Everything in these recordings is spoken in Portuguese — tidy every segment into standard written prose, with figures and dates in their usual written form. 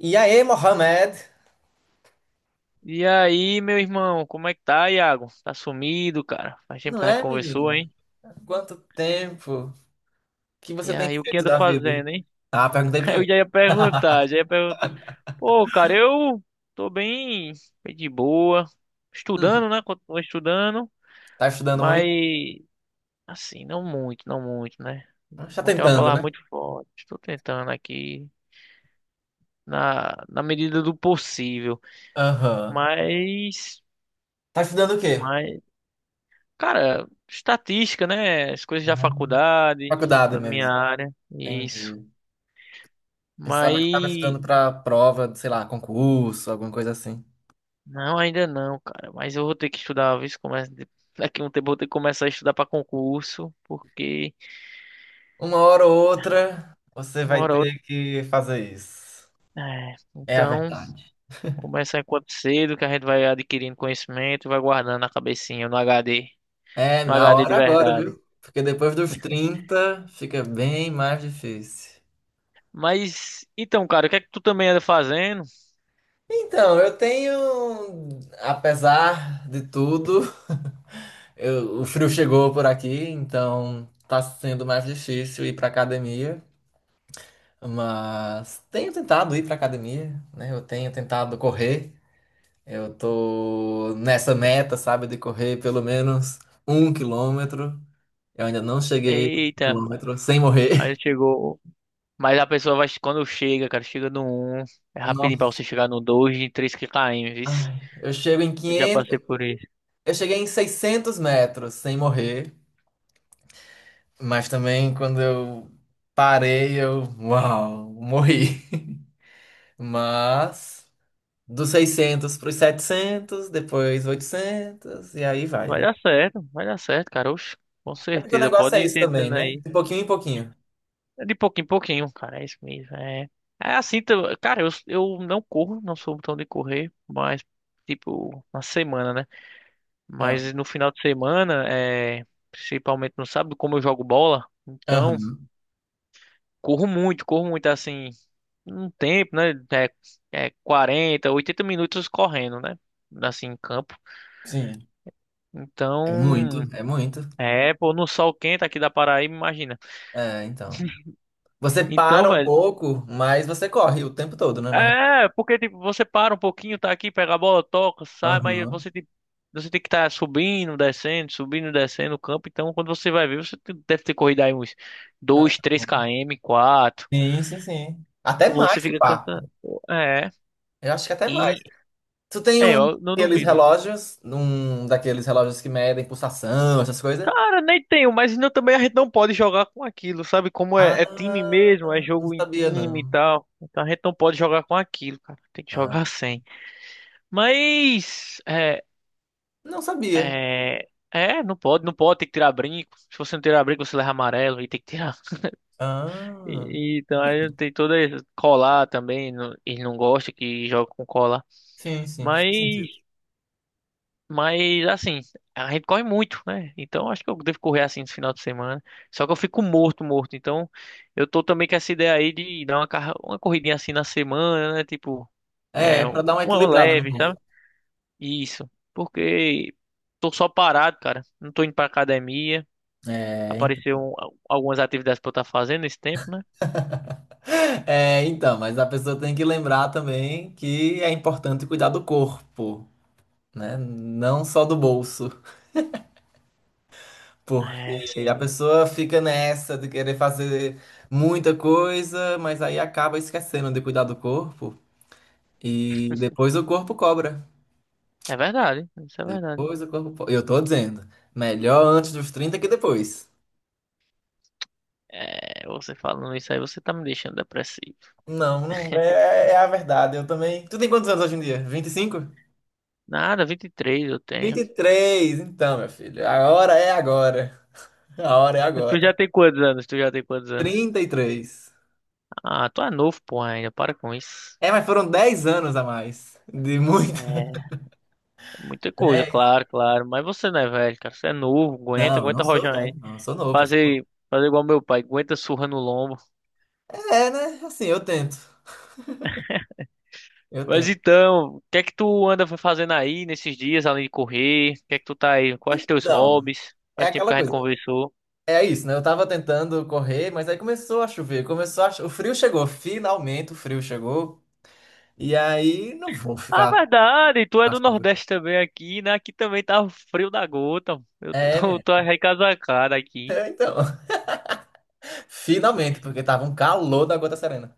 E aí, Mohamed? E aí, meu irmão, como é que tá, Iago? Tá sumido, cara? Faz tempo Não que a gente é, conversou, menino? hein? Quanto tempo? O que você E tem aí, o que feito anda da vida? fazendo, hein? Ah, perguntei Eu primeiro. já ia perguntar, já ia perguntar. Pô, cara, eu tô bem, bem de boa, Hum, estudando, né? Continuo estudando, tá estudando mas muito? assim, não muito, né? Tá Muito é uma tentando, palavra né? muito forte. Estou tentando aqui na medida do possível, Aham. mas, Tá estudando o quê? mas Cara, estatística, né? As coisas da Ah, faculdade, faculdade estudando minha mesmo. área, isso. Entendi. Pensava que tava Mas estudando pra prova, sei lá, concurso, alguma coisa assim. não, ainda não, cara. Mas eu vou ter que estudar, viu? Se começa... Daqui a um tempo eu vou ter que começar a estudar para concurso, porque Uma hora ou outra, você uma vai hora ou outra. ter que fazer isso. É, É a então, verdade. começa enquanto cedo, que a gente vai adquirindo conhecimento e vai guardando na cabecinha, no HD, É, no na HD de hora agora, verdade. viu? Porque depois dos 30 fica bem mais difícil. Mas, então, cara, o que é que tu também anda fazendo? Então, eu tenho, apesar de tudo, o frio chegou por aqui, então tá sendo mais difícil ir pra academia, mas tenho tentado ir pra academia, né? Eu tenho tentado correr. Eu tô nessa meta, sabe, de correr pelo menos 1 km. Eu ainda não cheguei a um Eita, mano. quilômetro sem Aí morrer. chegou. Mas a pessoa vai, quando chega, cara, chega no um, é rapidinho pra Nossa, você chegar no 2, em 3 km, vice. ai, eu chego em Eu já 500. passei por isso. Eu cheguei em 600 metros sem morrer. Mas também quando eu parei, uau, morri. Mas dos 600 para os 700, depois 800, e aí vai, Vai né? dar certo, vai dar certo, cara. Oxe, com É porque o certeza, negócio pode é ir isso também, tentando né? aí. De pouquinho em pouquinho. É de pouquinho em pouquinho, cara, é isso mesmo. É, é assim, cara, eu não corro, não sou tão de correr, mas tipo, na semana, né? Ah, Mas no final de semana, é, principalmente no sábado, como eu jogo bola, então aham, corro muito assim. Um tempo, né? É, é 40 80 minutos correndo, né? Assim, em campo. sim. É Então, muito, é muito. é, pô, no sol quente aqui da Paraíba, imagina. É, então. Você Então, para um velho, pouco, mas você corre o tempo todo, né? É, porque tipo, você para um pouquinho, tá aqui, pega a bola, toca, sai, mas Aham. Você tem que estar subindo, descendo o campo. Então, quando você vai ver, deve ter corrido aí uns É. 2 3 km, 4. Sim, sim, sim. Até Você mais, se fica pá. cansado. É, Eu acho que até mais. e Tu tem é, um eu não daqueles duvido. relógios, um daqueles relógios que medem pulsação, essas coisas? Cara, nem tenho, mas ainda também a gente não pode jogar com aquilo, sabe? Como é, é time Ah, mesmo, é não jogo em sabia time e não. tal. Então a gente não pode jogar com aquilo, cara. Tem que Ah, jogar sem. Mas, é, não sabia. é, é, não pode, não pode, tem que tirar brinco. Se você não tirar brinco, você leva amarelo e tem que tirar. Ah, então aí tem toda colar também, ele não gosta que joga com colar. sim, sim, faz Mas sentido. Mas assim, a gente corre muito, né? Então acho que eu devo correr assim no final de semana. Só que eu fico morto, morto. Então eu tô também com essa ideia aí de dar uma, uma corridinha assim na semana, né? Tipo, é, É, pra dar uma uma equilibrada no leve, sabe? corpo. Isso. Porque tô só parado, cara. Não tô indo pra academia. É, ent- Apareceu um- algumas atividades pra eu estar fazendo nesse tempo, né? é, então, mas a pessoa tem que lembrar também que é importante cuidar do corpo, né? Não só do bolso, É, porque a sim. pessoa fica nessa de querer fazer muita coisa, mas aí acaba esquecendo de cuidar do corpo. E depois o corpo cobra. É verdade. Isso é verdade. Depois o corpo. Eu tô dizendo, melhor antes dos 30 que depois. É, você falando isso aí, você tá me deixando depressivo. Não, não é, é a verdade. Eu também. Tu tem quantos anos hoje em dia? 20? 25? Nada, 23 eu vinte tenho. e três Então, meu filho, a hora é agora. A hora é Tu agora. já tem quantos anos? 33. Ah, tu é novo, pô, ainda. Para com isso. É, mas foram 10 anos a mais. De muito. É, muita coisa, 10. claro, claro. Mas você não é velho, cara. Você é novo, aguenta, Não, eu não aguenta sou rojar velho, aí. não. Eu sou novo, eu sou novo. Fazer, fazer igual meu pai, aguenta surra no lombo. É, né? Assim, eu tento. Eu Mas tento. então, o que é que tu anda fazendo aí nesses dias, além de correr? O que é que tu tá aí? Quais teus Então, hobbies? é Faz tempo aquela que a gente coisa. conversou. É isso, né? Eu tava tentando correr, mas aí começou a chover, o frio chegou, finalmente o frio chegou. E aí não vou Ah, ficar verdade, tu é na do chuva. Nordeste também aqui, né? Aqui também tá frio da gota. Eu É, tô, minha. tô recasacado aqui. É, então, finalmente, porque tava um calor da gota serena.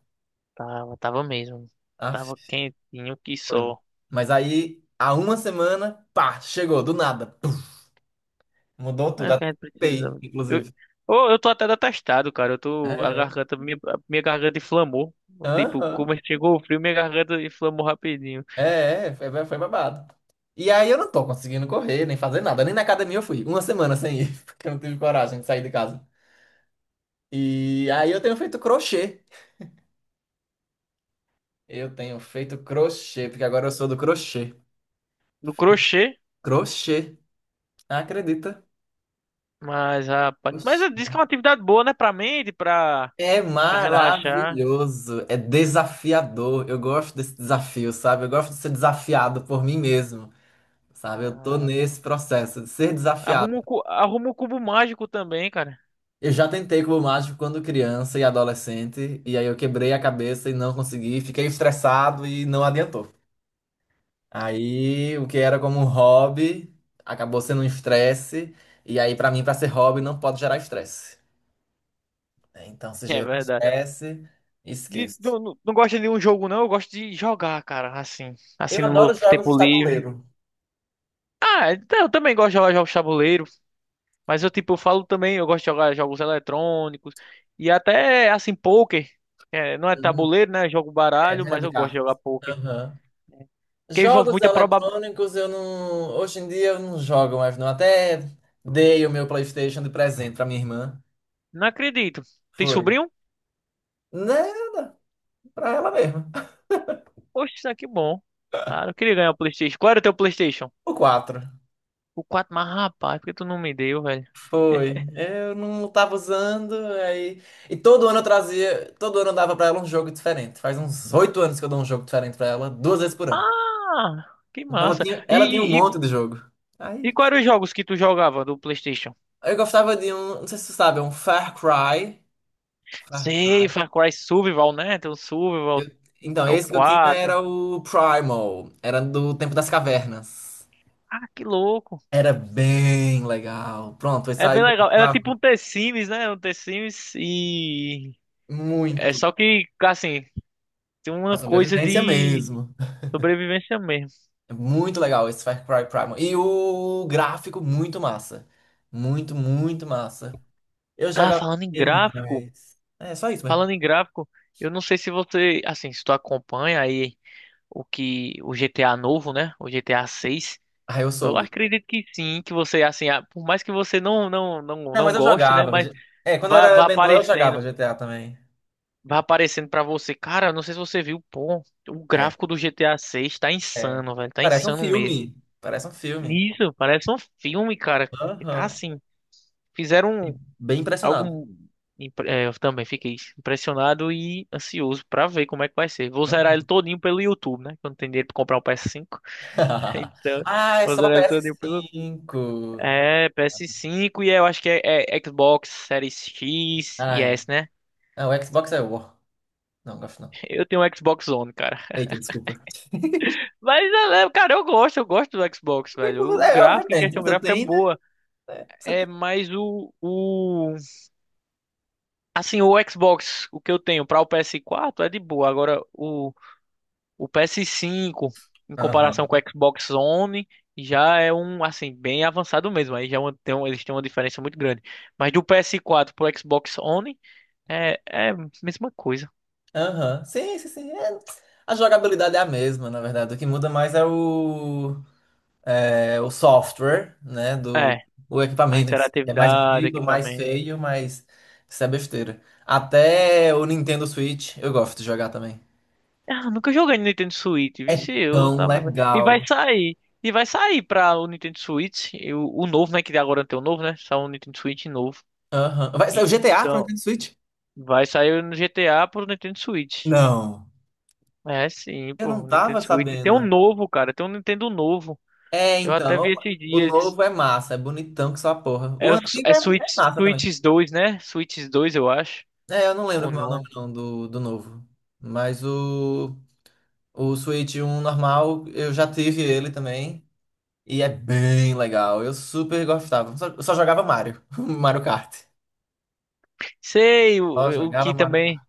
Tava, tava mesmo. Ah, Tava quentinho que foi. só. Mas aí, há uma semana, pá, chegou, do nada. Pum, mudou É tudo, o que até a gente tentei, precisava. Eu, inclusive. oh, eu tô até detestado, cara. Eu tô. A É, é. garganta. Minha, a minha garganta inflamou. Tipo, Aham. como chegou o frio, minha garganta inflamou rapidinho. É, é, foi babado. E aí eu não tô conseguindo correr, nem fazer nada, nem na academia eu fui. Uma semana sem ir, porque eu não tive coragem de sair de casa. E aí eu tenho feito crochê. Eu tenho feito crochê, porque agora eu sou do crochê. No crochê, Crochê, acredita? mas, rapaz. Mas Oxi. eu disse que é uma atividade boa, né? Pra mente, pra, É pra relaxar. maravilhoso, é desafiador. Eu gosto desse desafio, sabe? Eu gosto de ser desafiado por mim mesmo, sabe? Eu tô Ah, nesse processo de ser desafiado. Arruma um cubo mágico também, cara. Eu já tentei cubo mágico quando criança e adolescente, e aí eu quebrei a cabeça e não consegui, fiquei estressado e não adiantou. Aí o que era como um hobby acabou sendo um estresse. E aí, pra mim, pra ser hobby, não pode gerar estresse. Né? Então, se É gerou verdade. estresse, E esqueço. tu não gosta de um jogo, não? Eu gosto de jogar, cara. Assim. Assim, Eu no meu adoro jogos de tempo livre. tabuleiro. Ah, então, eu também gosto de jogar jogos de tabuleiro, mas eu tipo, eu falo também, eu gosto de jogar jogos eletrônicos e até assim poker. É, não é Uhum. tabuleiro, né? Eu jogo É, baralho, mesa mas de eu gosto de cartas. jogar poker. Aham. Porque envolve Jogos muita probabilidade. eletrônicos eu não. Hoje em dia eu não jogo mais, não. Até dei o meu PlayStation de presente pra minha irmã. Não acredito. Tem Foi. sobrinho? Né? Pra ela mesma. Poxa, isso aqui é bom. Cara, eu queria ganhar o PlayStation. Qual era o teu PlayStation? O 4. O 4, mas rapaz, por que tu não me deu, velho? Foi. Eu não tava usando, aí. E todo ano eu trazia. Todo ano eu dava pra ela um jogo diferente. Faz uns 8 anos que eu dou um jogo diferente pra ela, duas vezes por ano. Ah, que Então ela massa. tinha, E, ela tinha um e, monte e de jogo. e Aí. quais eram os jogos que tu jogava do PlayStation? Eu gostava de um. Não sei se você sabe, é um Far Cry. Far- Sei, Far Cry Survival, né? Tem o Survival, eu- Então, é o esse que eu tinha 4. era o Primal. Era do Tempo das Cavernas. Ah, que louco. Era bem legal. Pronto, esse É aí bem saía, eu legal. Era tipo gostava um The Sims, né? Um The Sims e... É muito. só que, assim, tem A uma coisa sobrevivência de mesmo. sobrevivência mesmo. É muito legal esse Far Cry Primal. E o gráfico, muito massa. Muito, muito massa. Eu Ah, jogava falando em gráfico, demais. É, só isso mesmo. falando em gráfico, eu não sei se você, assim, se tu acompanha aí o GTA novo, né? O GTA 6. Ah, eu Eu soube. acredito que sim, que você, assim, ah, por mais que você Não, não mas eu goste, né? jogava. Mas É, quando eu era vai menor, eu jogava aparecendo. GTA também. Vai aparecendo pra você. Cara, não sei se você viu, pô, o É, gráfico do GTA 6 tá é. insano, velho. Tá Parece um insano mesmo. filme. Parece um filme. Isso, parece um filme, cara. E tá Aham. assim. Fiquei Fizeram bem impressionado. algo. É, eu também fiquei impressionado e ansioso pra ver como é que vai ser. Vou Hã? zerar ele todinho pelo YouTube, né? Que eu não tenho dinheiro pra comprar um PS5. Então, Ah, é vou só pra zerar ele ps todinho pelo. cinco É, PS5 e eu acho que é, é Xbox Series X e Ai. S, né? Ah, o Xbox é o. Não, gosto não. Eu tenho um Xbox One, cara. Eita, desculpa. Mas, cara, eu gosto do Xbox, velho. O É, gráfico, em obviamente. questão Você gráfica, é tem, né? boa. É, você É, tem. mas Assim, o Xbox, o que eu tenho para o PS4 é de boa. Agora, o PS5, em comparação Aham. com o Xbox One, já é um, assim, bem avançado mesmo. Aí já é uma- tem, um- Eles têm uma diferença muito grande. Mas do PS4 pro Xbox One, é a mesma coisa. Aham. Sim, sim, sim. É, a jogabilidade é a mesma, na verdade. O que muda mais é o, software, né? É, Do o a equipamento em si. É mais interatividade, bonito, mais equipamento... feio, mas isso é besteira. Até o Nintendo Switch, eu gosto de jogar também. Ah, nunca joguei no Nintendo Switch, É vixe, eu tão tava. E vai legal. sair. E vai sair pra o Nintendo Switch. O novo, né? Que agora tem o novo, né? Só um Nintendo Switch novo. Aham. Vai sair o GTA pro Então, Nintendo Switch? vai sair no GTA pro Nintendo Switch. Não. É, sim, Eu pô, não o tava Nintendo Switch. Tem um sabendo. novo, cara. Tem um Nintendo novo. É, Eu até vi então. esses O dias. novo é massa, é bonitão que só a porra. O É, antigo é é Switch, massa também. Switch 2 né? Switch 2 eu acho. É, eu não lembro Ou como é o nome não. não do novo. Mas o Switch um normal, eu já tive ele também. E é bem legal. Eu super gostava. Só, eu só jogava Mario. Mario Kart. Sei, Só o jogava que Mario também. Kart.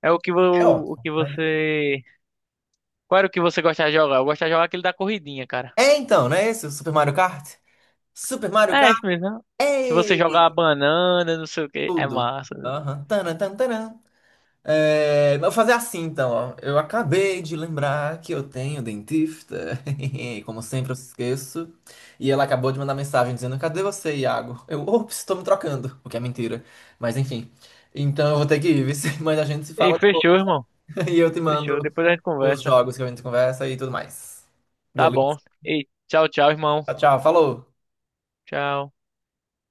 É O ótimo. que você. Qual era o que você gostava de jogar? Eu gostava de jogar aquele da corridinha, cara. É então, não é esse o Super Mario Kart? Super Mario É Kart? isso mesmo. Que você É jogar a banana, não sei o que, é tudo. massa. Aham. Tanã, tanã tanã. É, vou fazer assim então, ó. Eu acabei de lembrar que eu tenho dentista. Como sempre, eu esqueço. E ela acabou de mandar mensagem dizendo: Cadê você, Iago? Eu, ops, estou me trocando. O que é mentira. Mas enfim. Então eu vou ter que ir, viu? Mas a gente se Ei, fala fechou, depois. irmão. E eu te Fechou. mando Depois a gente os conversa. jogos que a gente conversa e tudo mais. Tá Beleza? bom. Ei, tchau, tchau, irmão. Tchau, tchau. Falou! Tchau.